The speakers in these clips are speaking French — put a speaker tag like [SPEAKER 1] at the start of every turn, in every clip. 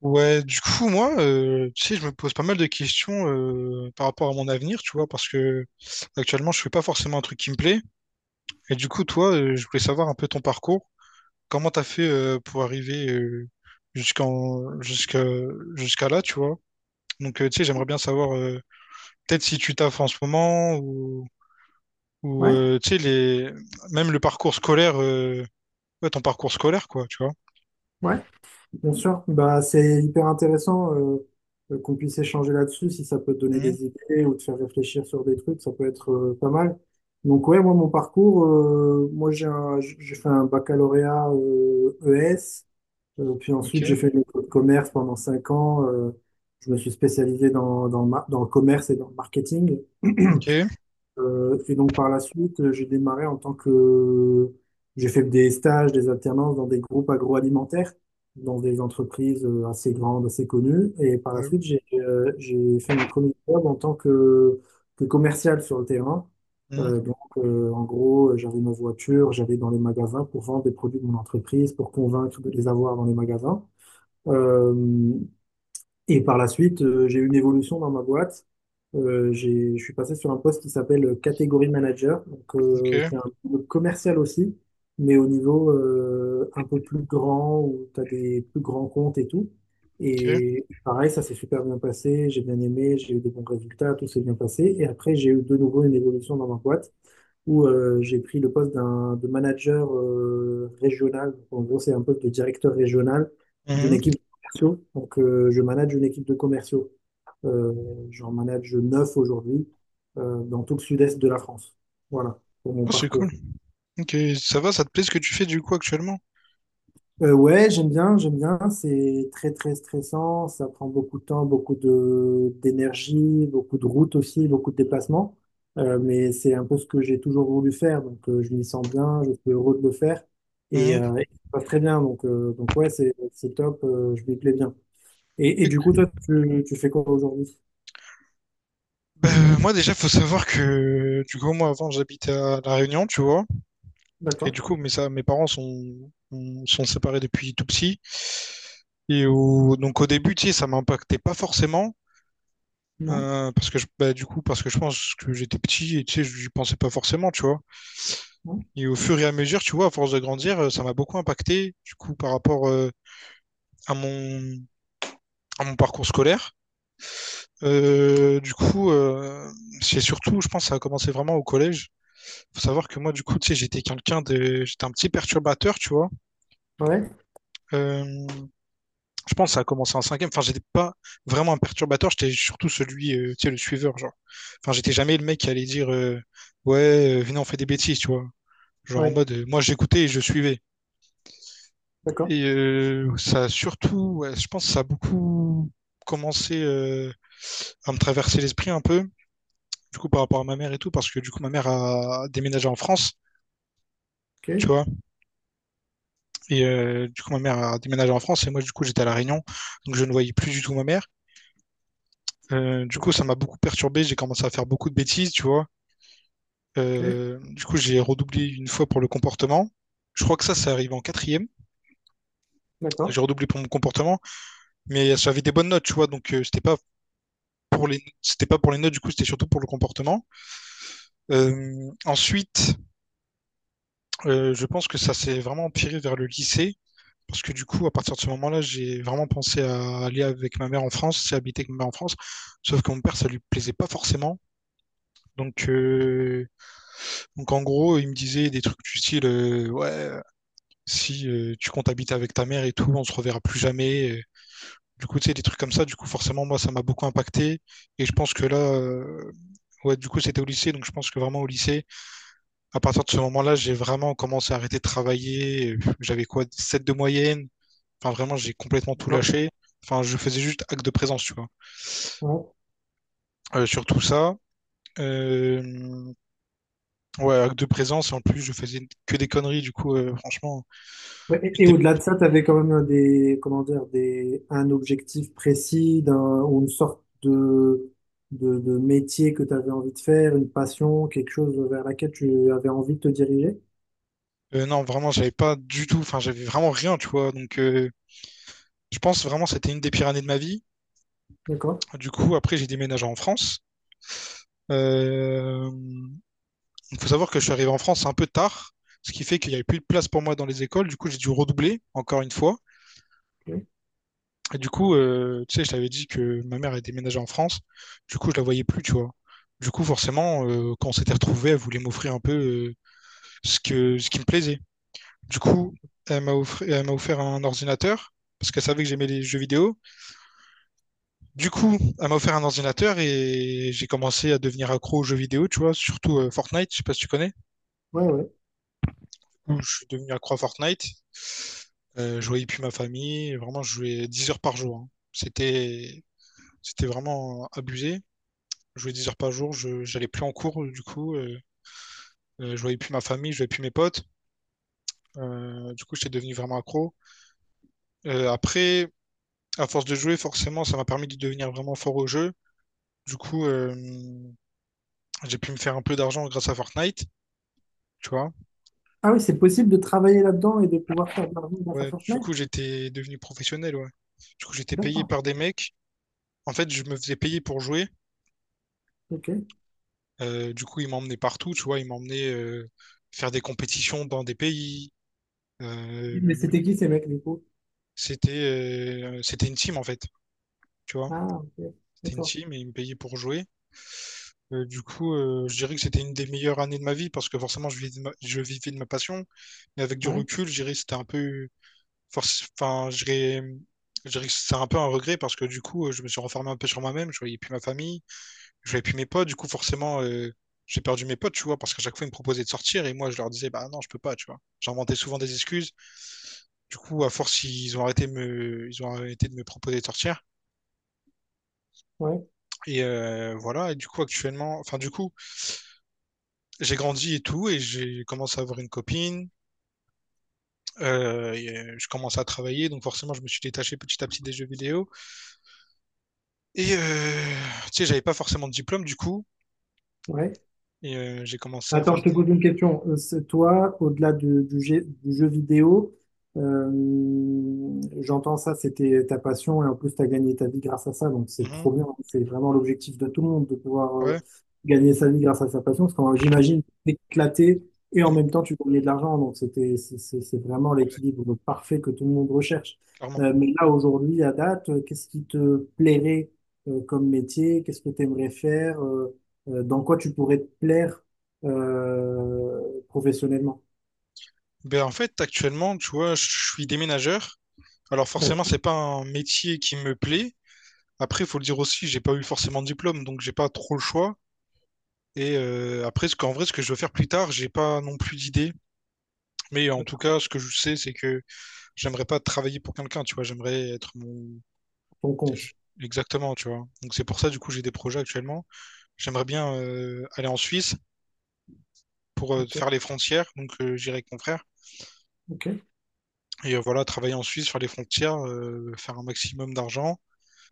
[SPEAKER 1] Ouais, du coup, moi, tu sais, je me pose pas mal de questions par rapport à mon avenir, tu vois, parce que actuellement, je fais pas forcément un truc qui me plaît. Et du coup, toi, je voulais savoir un peu ton parcours. Comment t'as fait pour arriver jusqu'en jusqu'à jusqu'à là, tu vois. Donc, tu sais, j'aimerais bien savoir peut-être si tu taffes en ce moment ou
[SPEAKER 2] Ouais,
[SPEAKER 1] tu sais les même le parcours scolaire, ouais, ton parcours scolaire, quoi, tu vois.
[SPEAKER 2] ouais, bien sûr. Bah, c'est hyper intéressant, qu'on puisse échanger là-dessus, si ça peut te donner
[SPEAKER 1] Mhm,
[SPEAKER 2] des idées ou te faire réfléchir sur des trucs, ça peut être pas mal. Donc ouais, moi mon parcours, moi j'ai fait un baccalauréat ES, puis ensuite j'ai
[SPEAKER 1] ok,
[SPEAKER 2] fait une école de commerce pendant cinq ans. Je me suis spécialisé dans dans le commerce et dans le marketing.
[SPEAKER 1] ok,
[SPEAKER 2] Et donc par la suite, j'ai démarré en tant que... J'ai fait des stages, des alternances dans des groupes agroalimentaires, dans des entreprises assez grandes, assez connues. Et par la
[SPEAKER 1] ouais,
[SPEAKER 2] suite, j'ai fait mon premier job en tant que commercial sur le terrain.
[SPEAKER 1] mhm,
[SPEAKER 2] En gros, j'avais ma voiture, j'allais dans les magasins pour vendre des produits de mon entreprise, pour convaincre de les avoir dans les magasins. Euh, et par la suite, j'ai eu une évolution dans ma boîte. Je suis passé sur un poste qui s'appelle catégorie manager,
[SPEAKER 1] ok,
[SPEAKER 2] qui est un peu commercial aussi, mais au niveau un peu plus grand, où tu as des plus grands comptes et tout.
[SPEAKER 1] ok.
[SPEAKER 2] Et pareil, ça s'est super bien passé, j'ai bien aimé, j'ai eu de bons résultats, tout s'est bien passé. Et après, j'ai eu de nouveau une évolution dans ma boîte où j'ai pris le poste d'un de manager régional. En gros, c'est un poste de directeur régional d'une
[SPEAKER 1] Mhm.
[SPEAKER 2] équipe de commerciaux. Donc, je manage une équipe de commerciaux. Euh, J'en manage neuf aujourd'hui dans tout le sud-est de la France. Voilà pour mon
[SPEAKER 1] Oh, c'est cool.
[SPEAKER 2] parcours.
[SPEAKER 1] Ok, ça va, ça te plaît ce que tu fais du coup actuellement?
[SPEAKER 2] Ouais, j'aime bien. C'est très très stressant. Ça prend beaucoup de temps, beaucoup de d'énergie, beaucoup de routes aussi, beaucoup de déplacements. Mais c'est un peu ce que j'ai toujours voulu faire. Donc je m'y sens bien, je suis heureux de le faire et,
[SPEAKER 1] Mhm.
[SPEAKER 2] et ça se passe très bien. Donc ouais, c'est top. Je m'y plais bien. Et du
[SPEAKER 1] Ok.
[SPEAKER 2] coup, toi, tu fais quoi aujourd'hui?
[SPEAKER 1] Bah, moi déjà, faut savoir que du coup, moi avant, j'habitais à La Réunion, tu vois, et
[SPEAKER 2] D'accord.
[SPEAKER 1] du coup, mes parents sont séparés depuis tout petit. Et donc au début, tu sais, ça m'impactait pas forcément,
[SPEAKER 2] Non?
[SPEAKER 1] parce que je, bah, du coup, parce que je pense que j'étais petit et tu sais, j'y pensais pas forcément, tu vois.
[SPEAKER 2] Non?
[SPEAKER 1] Et au fur et à mesure, tu vois, à force de grandir, ça m'a beaucoup impacté, du coup, par rapport à mon, à mon parcours scolaire. Du coup, c'est surtout, je pense, ça a commencé vraiment au collège. Faut savoir que moi, du coup, tu sais, j'étais un petit perturbateur, tu vois.
[SPEAKER 2] Ouais.
[SPEAKER 1] Euh, je pense que ça a commencé en cinquième. Enfin, j'étais pas vraiment un perturbateur. J'étais surtout celui, tu sais, le suiveur, genre. Enfin, j'étais jamais le mec qui allait dire, ouais, venez, on fait des bêtises, tu vois. Genre en
[SPEAKER 2] Ouais.
[SPEAKER 1] mode, moi, j'écoutais et je suivais.
[SPEAKER 2] D'accord.
[SPEAKER 1] Et ça a surtout, ouais, je pense, que ça a beaucoup commencé à me traverser l'esprit un peu du coup, par rapport à ma mère et tout, parce que du coup, ma mère a déménagé en France, tu
[SPEAKER 2] Ok.
[SPEAKER 1] vois. Et du coup, ma mère a déménagé en France et moi, du coup, j'étais à La Réunion, donc je ne voyais plus du tout ma mère. Du coup, ça m'a beaucoup perturbé, j'ai commencé à faire beaucoup de bêtises, tu vois.
[SPEAKER 2] Ok.
[SPEAKER 1] Du coup, j'ai redoublé une fois pour le comportement. Je crois que ça arrive en quatrième.
[SPEAKER 2] D'accord.
[SPEAKER 1] J'ai redoublé pour mon comportement, mais ça avait des bonnes notes, tu vois. Donc, c'était pas pour les notes, du coup, c'était surtout pour le comportement. Ensuite, je pense que ça s'est vraiment empiré vers le lycée. Parce que du coup, à partir de ce moment-là, j'ai vraiment pensé à aller avec ma mère en France, c'est habiter avec ma mère en France. Sauf que mon père, ça lui plaisait pas forcément. Donc, euh, donc, en gros, il me disait des trucs du style Ouais, si tu comptes habiter avec ta mère et tout, on se reverra plus jamais. Du coup, tu sais, des trucs comme ça, du coup, forcément, moi, ça m'a beaucoup impacté. Et je pense que là, ouais, du coup, c'était au lycée, donc je pense que vraiment au lycée, à partir de ce moment-là, j'ai vraiment commencé à arrêter de travailler. J'avais quoi, 7 de moyenne. Enfin, vraiment, j'ai complètement tout
[SPEAKER 2] D'accord.
[SPEAKER 1] lâché. Enfin, je faisais juste acte de présence, tu vois.
[SPEAKER 2] Ouais.
[SPEAKER 1] Sur tout ça. Euh, ouais, acte de présence. Et en plus, je faisais que des conneries, du coup, franchement.
[SPEAKER 2] Ouais,
[SPEAKER 1] une
[SPEAKER 2] et
[SPEAKER 1] des-
[SPEAKER 2] au-delà de ça, tu avais quand même des, comment dire, des, un objectif précis ou une sorte de métier que tu avais envie de faire, une passion, quelque chose vers laquelle tu avais envie de te diriger.
[SPEAKER 1] non, vraiment, j'avais pas du tout. Enfin, j'avais vraiment rien, tu vois. Donc, je pense vraiment que c'était une des pires années de ma vie.
[SPEAKER 2] D'accord.
[SPEAKER 1] Du coup, après, j'ai déménagé en France. Euh, Il faut savoir que je suis arrivé en France un peu tard, ce qui fait qu'il n'y avait plus de place pour moi dans les écoles. Du coup, j'ai dû redoubler, encore une fois.
[SPEAKER 2] Ok.
[SPEAKER 1] Et du coup, tu sais, je t'avais dit que ma mère est déménagée en France. Du coup, je la voyais plus, tu vois. Du coup, forcément, quand on s'était retrouvés, elle voulait m'offrir un peu ce que, ce qui me plaisait. Du coup, elle elle m'a offert un ordinateur parce qu'elle savait que j'aimais les jeux vidéo. Du coup, elle m'a offert un ordinateur et j'ai commencé à devenir accro aux jeux vidéo, tu vois, surtout Fortnite, je sais pas si tu connais.
[SPEAKER 2] Ouais, ouais.
[SPEAKER 1] Du coup, je suis devenu accro à Fortnite. Je voyais plus ma famille. Vraiment, je jouais 10 heures par jour, hein. C'était, c'était vraiment abusé. Je jouais 10 heures par jour, je j'allais plus en cours du coup, je voyais plus ma famille, je voyais plus mes potes. Du coup, j'étais devenu vraiment accro. Après, à force de jouer, forcément, ça m'a permis de devenir vraiment fort au jeu. Du coup, j'ai pu me faire un peu d'argent grâce à Fortnite, tu vois.
[SPEAKER 2] Ah oui, c'est possible de travailler là-dedans et de pouvoir faire de l'argent grâce à
[SPEAKER 1] Ouais, du
[SPEAKER 2] Fortnite?
[SPEAKER 1] coup, j'étais devenu professionnel, ouais. Du coup, j'étais payé
[SPEAKER 2] D'accord.
[SPEAKER 1] par des mecs. En fait, je me faisais payer pour jouer.
[SPEAKER 2] Ok.
[SPEAKER 1] Du coup, ils m'emmenaient partout, tu vois. Ils m'emmenaient faire des compétitions dans des pays.
[SPEAKER 2] Mais
[SPEAKER 1] Euh,
[SPEAKER 2] c'était qui ces mecs du coup?
[SPEAKER 1] c'était c'était une team, en fait, tu vois.
[SPEAKER 2] Ah, ok. D'accord.
[SPEAKER 1] TNT, mais ils me payaient pour jouer. Du coup, je dirais que c'était une des meilleures années de ma vie parce que forcément, je vivais de ma passion. Mais avec du
[SPEAKER 2] Ouais,
[SPEAKER 1] recul, je dirais que c'était un peu. Enfin, je dirais que c'est un peu un regret parce que du coup, je me suis renfermé un peu sur moi-même. Je voyais plus ma famille, je voyais plus mes potes. Du coup, forcément, j'ai perdu mes potes, tu vois, parce qu'à chaque fois, ils me proposaient de sortir et moi, je leur disais, bah non, je peux pas, tu vois. J'inventais souvent des excuses. Du coup, à force, ils ont arrêté de me proposer de sortir.
[SPEAKER 2] ouais,
[SPEAKER 1] Et voilà. Et du coup, actuellement, enfin, du coup, j'ai grandi et tout, et j'ai commencé à avoir une copine. Je commençais à travailler, donc forcément, je me suis détaché petit à petit des jeux vidéo. Et tu sais, j'avais pas forcément de diplôme du coup,
[SPEAKER 2] ouais.
[SPEAKER 1] et j'ai commencé à
[SPEAKER 2] Attends,
[SPEAKER 1] faire
[SPEAKER 2] je te
[SPEAKER 1] des.
[SPEAKER 2] pose une question. C'est toi, au-delà du jeu vidéo, euh, j'entends ça, c'était ta passion et en plus tu as gagné ta vie grâce à ça, donc c'est
[SPEAKER 1] Mhm,
[SPEAKER 2] trop bien. C'est vraiment l'objectif de tout le monde de pouvoir
[SPEAKER 1] ouais,
[SPEAKER 2] gagner sa vie grâce à sa passion, parce que j'imagine éclaté, et en
[SPEAKER 1] mhm,
[SPEAKER 2] même temps tu gagnais de l'argent, donc c'est vraiment
[SPEAKER 1] ouais,
[SPEAKER 2] l'équilibre parfait que tout le monde recherche.
[SPEAKER 1] clairement.
[SPEAKER 2] Mais là aujourd'hui, à date, qu'est-ce qui te plairait comme métier? Qu'est-ce que tu aimerais faire? Dans quoi tu pourrais te plaire professionnellement.
[SPEAKER 1] Ben, en fait, actuellement, tu vois, je suis déménageur. Alors forcément,
[SPEAKER 2] D'accord.
[SPEAKER 1] c'est pas un métier qui me plaît. Après, faut le dire aussi, j'ai pas eu forcément de diplôme, donc j'ai pas trop le choix. Et après, ce qu'en vrai, ce que je veux faire plus tard, j'ai pas non plus d'idée. Mais en tout
[SPEAKER 2] D'accord.
[SPEAKER 1] cas, ce que je sais, c'est que j'aimerais pas travailler pour quelqu'un, tu vois, j'aimerais être mon...
[SPEAKER 2] Ton
[SPEAKER 1] je-
[SPEAKER 2] compte.
[SPEAKER 1] Exactement, tu vois. Donc c'est pour ça, du coup, j'ai des projets actuellement. J'aimerais bien aller en Suisse pour
[SPEAKER 2] Ok.
[SPEAKER 1] faire les frontières, donc j'irai avec mon frère.
[SPEAKER 2] Ok.
[SPEAKER 1] Et voilà, travailler en Suisse, faire les frontières, faire un maximum d'argent.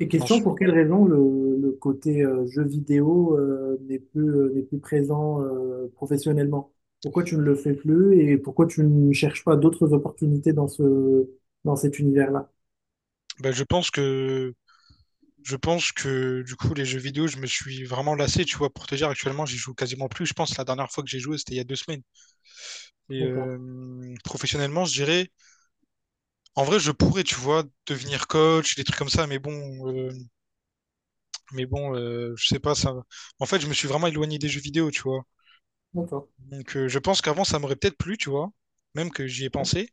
[SPEAKER 2] Et
[SPEAKER 1] Et
[SPEAKER 2] question,
[SPEAKER 1] ensuite,
[SPEAKER 2] pour quelle raison le côté jeu vidéo n'est plus présent professionnellement? Pourquoi tu ne le fais plus et pourquoi tu ne cherches pas d'autres opportunités dans dans cet univers-là?
[SPEAKER 1] bah, je pense que... Je pense que du coup les jeux vidéo, je me suis vraiment lassé, tu vois, pour te dire actuellement, j'y joue quasiment plus. Je pense que la dernière fois que j'ai joué, c'était il y a 2 semaines. Et
[SPEAKER 2] D'accord.
[SPEAKER 1] professionnellement, je dirais, en vrai, je pourrais, tu vois, devenir coach, des trucs comme ça, euh, je sais pas, ça. En fait, je me suis vraiment éloigné des jeux vidéo, tu vois.
[SPEAKER 2] D'accord.
[SPEAKER 1] Donc, je pense qu'avant, ça m'aurait peut-être plu, tu vois. Même que j'y ai pensé.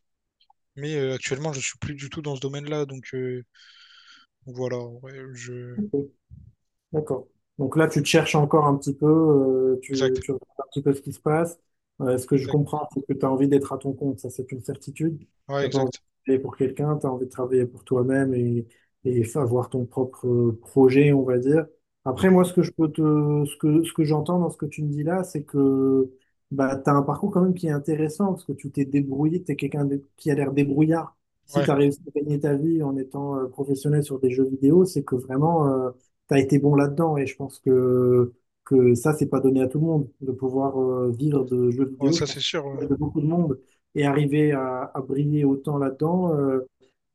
[SPEAKER 1] Mais actuellement, je suis plus du tout dans ce domaine-là. Donc, voilà. Ouais, je...
[SPEAKER 2] Ok. D'accord. Donc là, tu te cherches encore un petit peu,
[SPEAKER 1] Exact.
[SPEAKER 2] tu regardes un petit peu ce qui se passe. Ce que je
[SPEAKER 1] Exact.
[SPEAKER 2] comprends, c'est que tu as envie d'être à ton compte, ça c'est une certitude.
[SPEAKER 1] Ouais,
[SPEAKER 2] Tu pas envie de
[SPEAKER 1] exact.
[SPEAKER 2] travailler pour quelqu'un, tu as envie de travailler pour toi-même et avoir ton propre projet, on va dire. Après, moi,
[SPEAKER 1] Mhm.
[SPEAKER 2] ce que je peux te, ce que j'entends dans ce que tu me dis là, c'est que bah, tu as un parcours quand même qui est intéressant parce que tu t'es débrouillé, tu es qui a l'air débrouillard. Si
[SPEAKER 1] Ouais.
[SPEAKER 2] tu as réussi à gagner ta vie en étant professionnel sur des jeux vidéo, c'est que vraiment t'as été bon là-dedans, et je pense que ça, c'est pas donné à tout le monde de pouvoir vivre de jeux
[SPEAKER 1] Ouais,
[SPEAKER 2] vidéo.
[SPEAKER 1] ça,
[SPEAKER 2] Je
[SPEAKER 1] c'est
[SPEAKER 2] pense
[SPEAKER 1] sûr. Ouais.
[SPEAKER 2] que de beaucoup de monde et arriver à briller autant là-dedans. euh,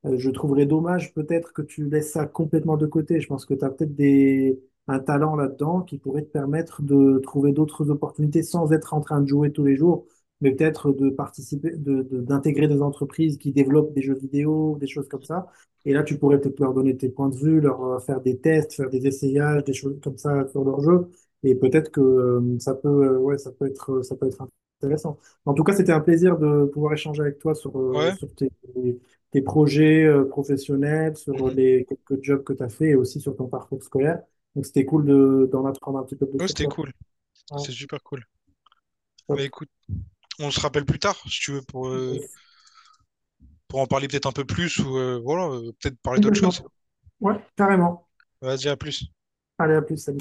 [SPEAKER 2] euh, Je trouverais dommage peut-être que tu laisses ça complètement de côté. Je pense que tu as peut-être des... un talent là-dedans qui pourrait te permettre de trouver d'autres opportunités sans être en train de jouer tous les jours, mais peut-être de participer, d'intégrer des entreprises qui développent des jeux vidéo, des choses comme ça. Et là, tu pourrais peut-être leur donner tes points de vue, leur faire des tests, faire des essayages, des choses comme ça sur leur jeu. Et peut-être que ouais, ça peut être intéressant. En tout cas, c'était un plaisir de pouvoir échanger avec toi sur,
[SPEAKER 1] Ouais.
[SPEAKER 2] sur tes projets professionnels, sur
[SPEAKER 1] Mhm.
[SPEAKER 2] les quelques jobs que tu as fait et aussi sur ton parcours scolaire. Donc, c'était cool de, d'en apprendre un petit peu plus
[SPEAKER 1] Ouais,
[SPEAKER 2] sur
[SPEAKER 1] c'était
[SPEAKER 2] toi.
[SPEAKER 1] cool.
[SPEAKER 2] Ouais,
[SPEAKER 1] C'était super cool. Mais
[SPEAKER 2] top.
[SPEAKER 1] écoute, on se rappelle plus tard, si tu veux, pour en parler peut-être un peu plus ou voilà, peut-être parler d'autre chose.
[SPEAKER 2] Complètement. Ouais, carrément.
[SPEAKER 1] Vas-y, à plus.
[SPEAKER 2] Allez, à plus, salut.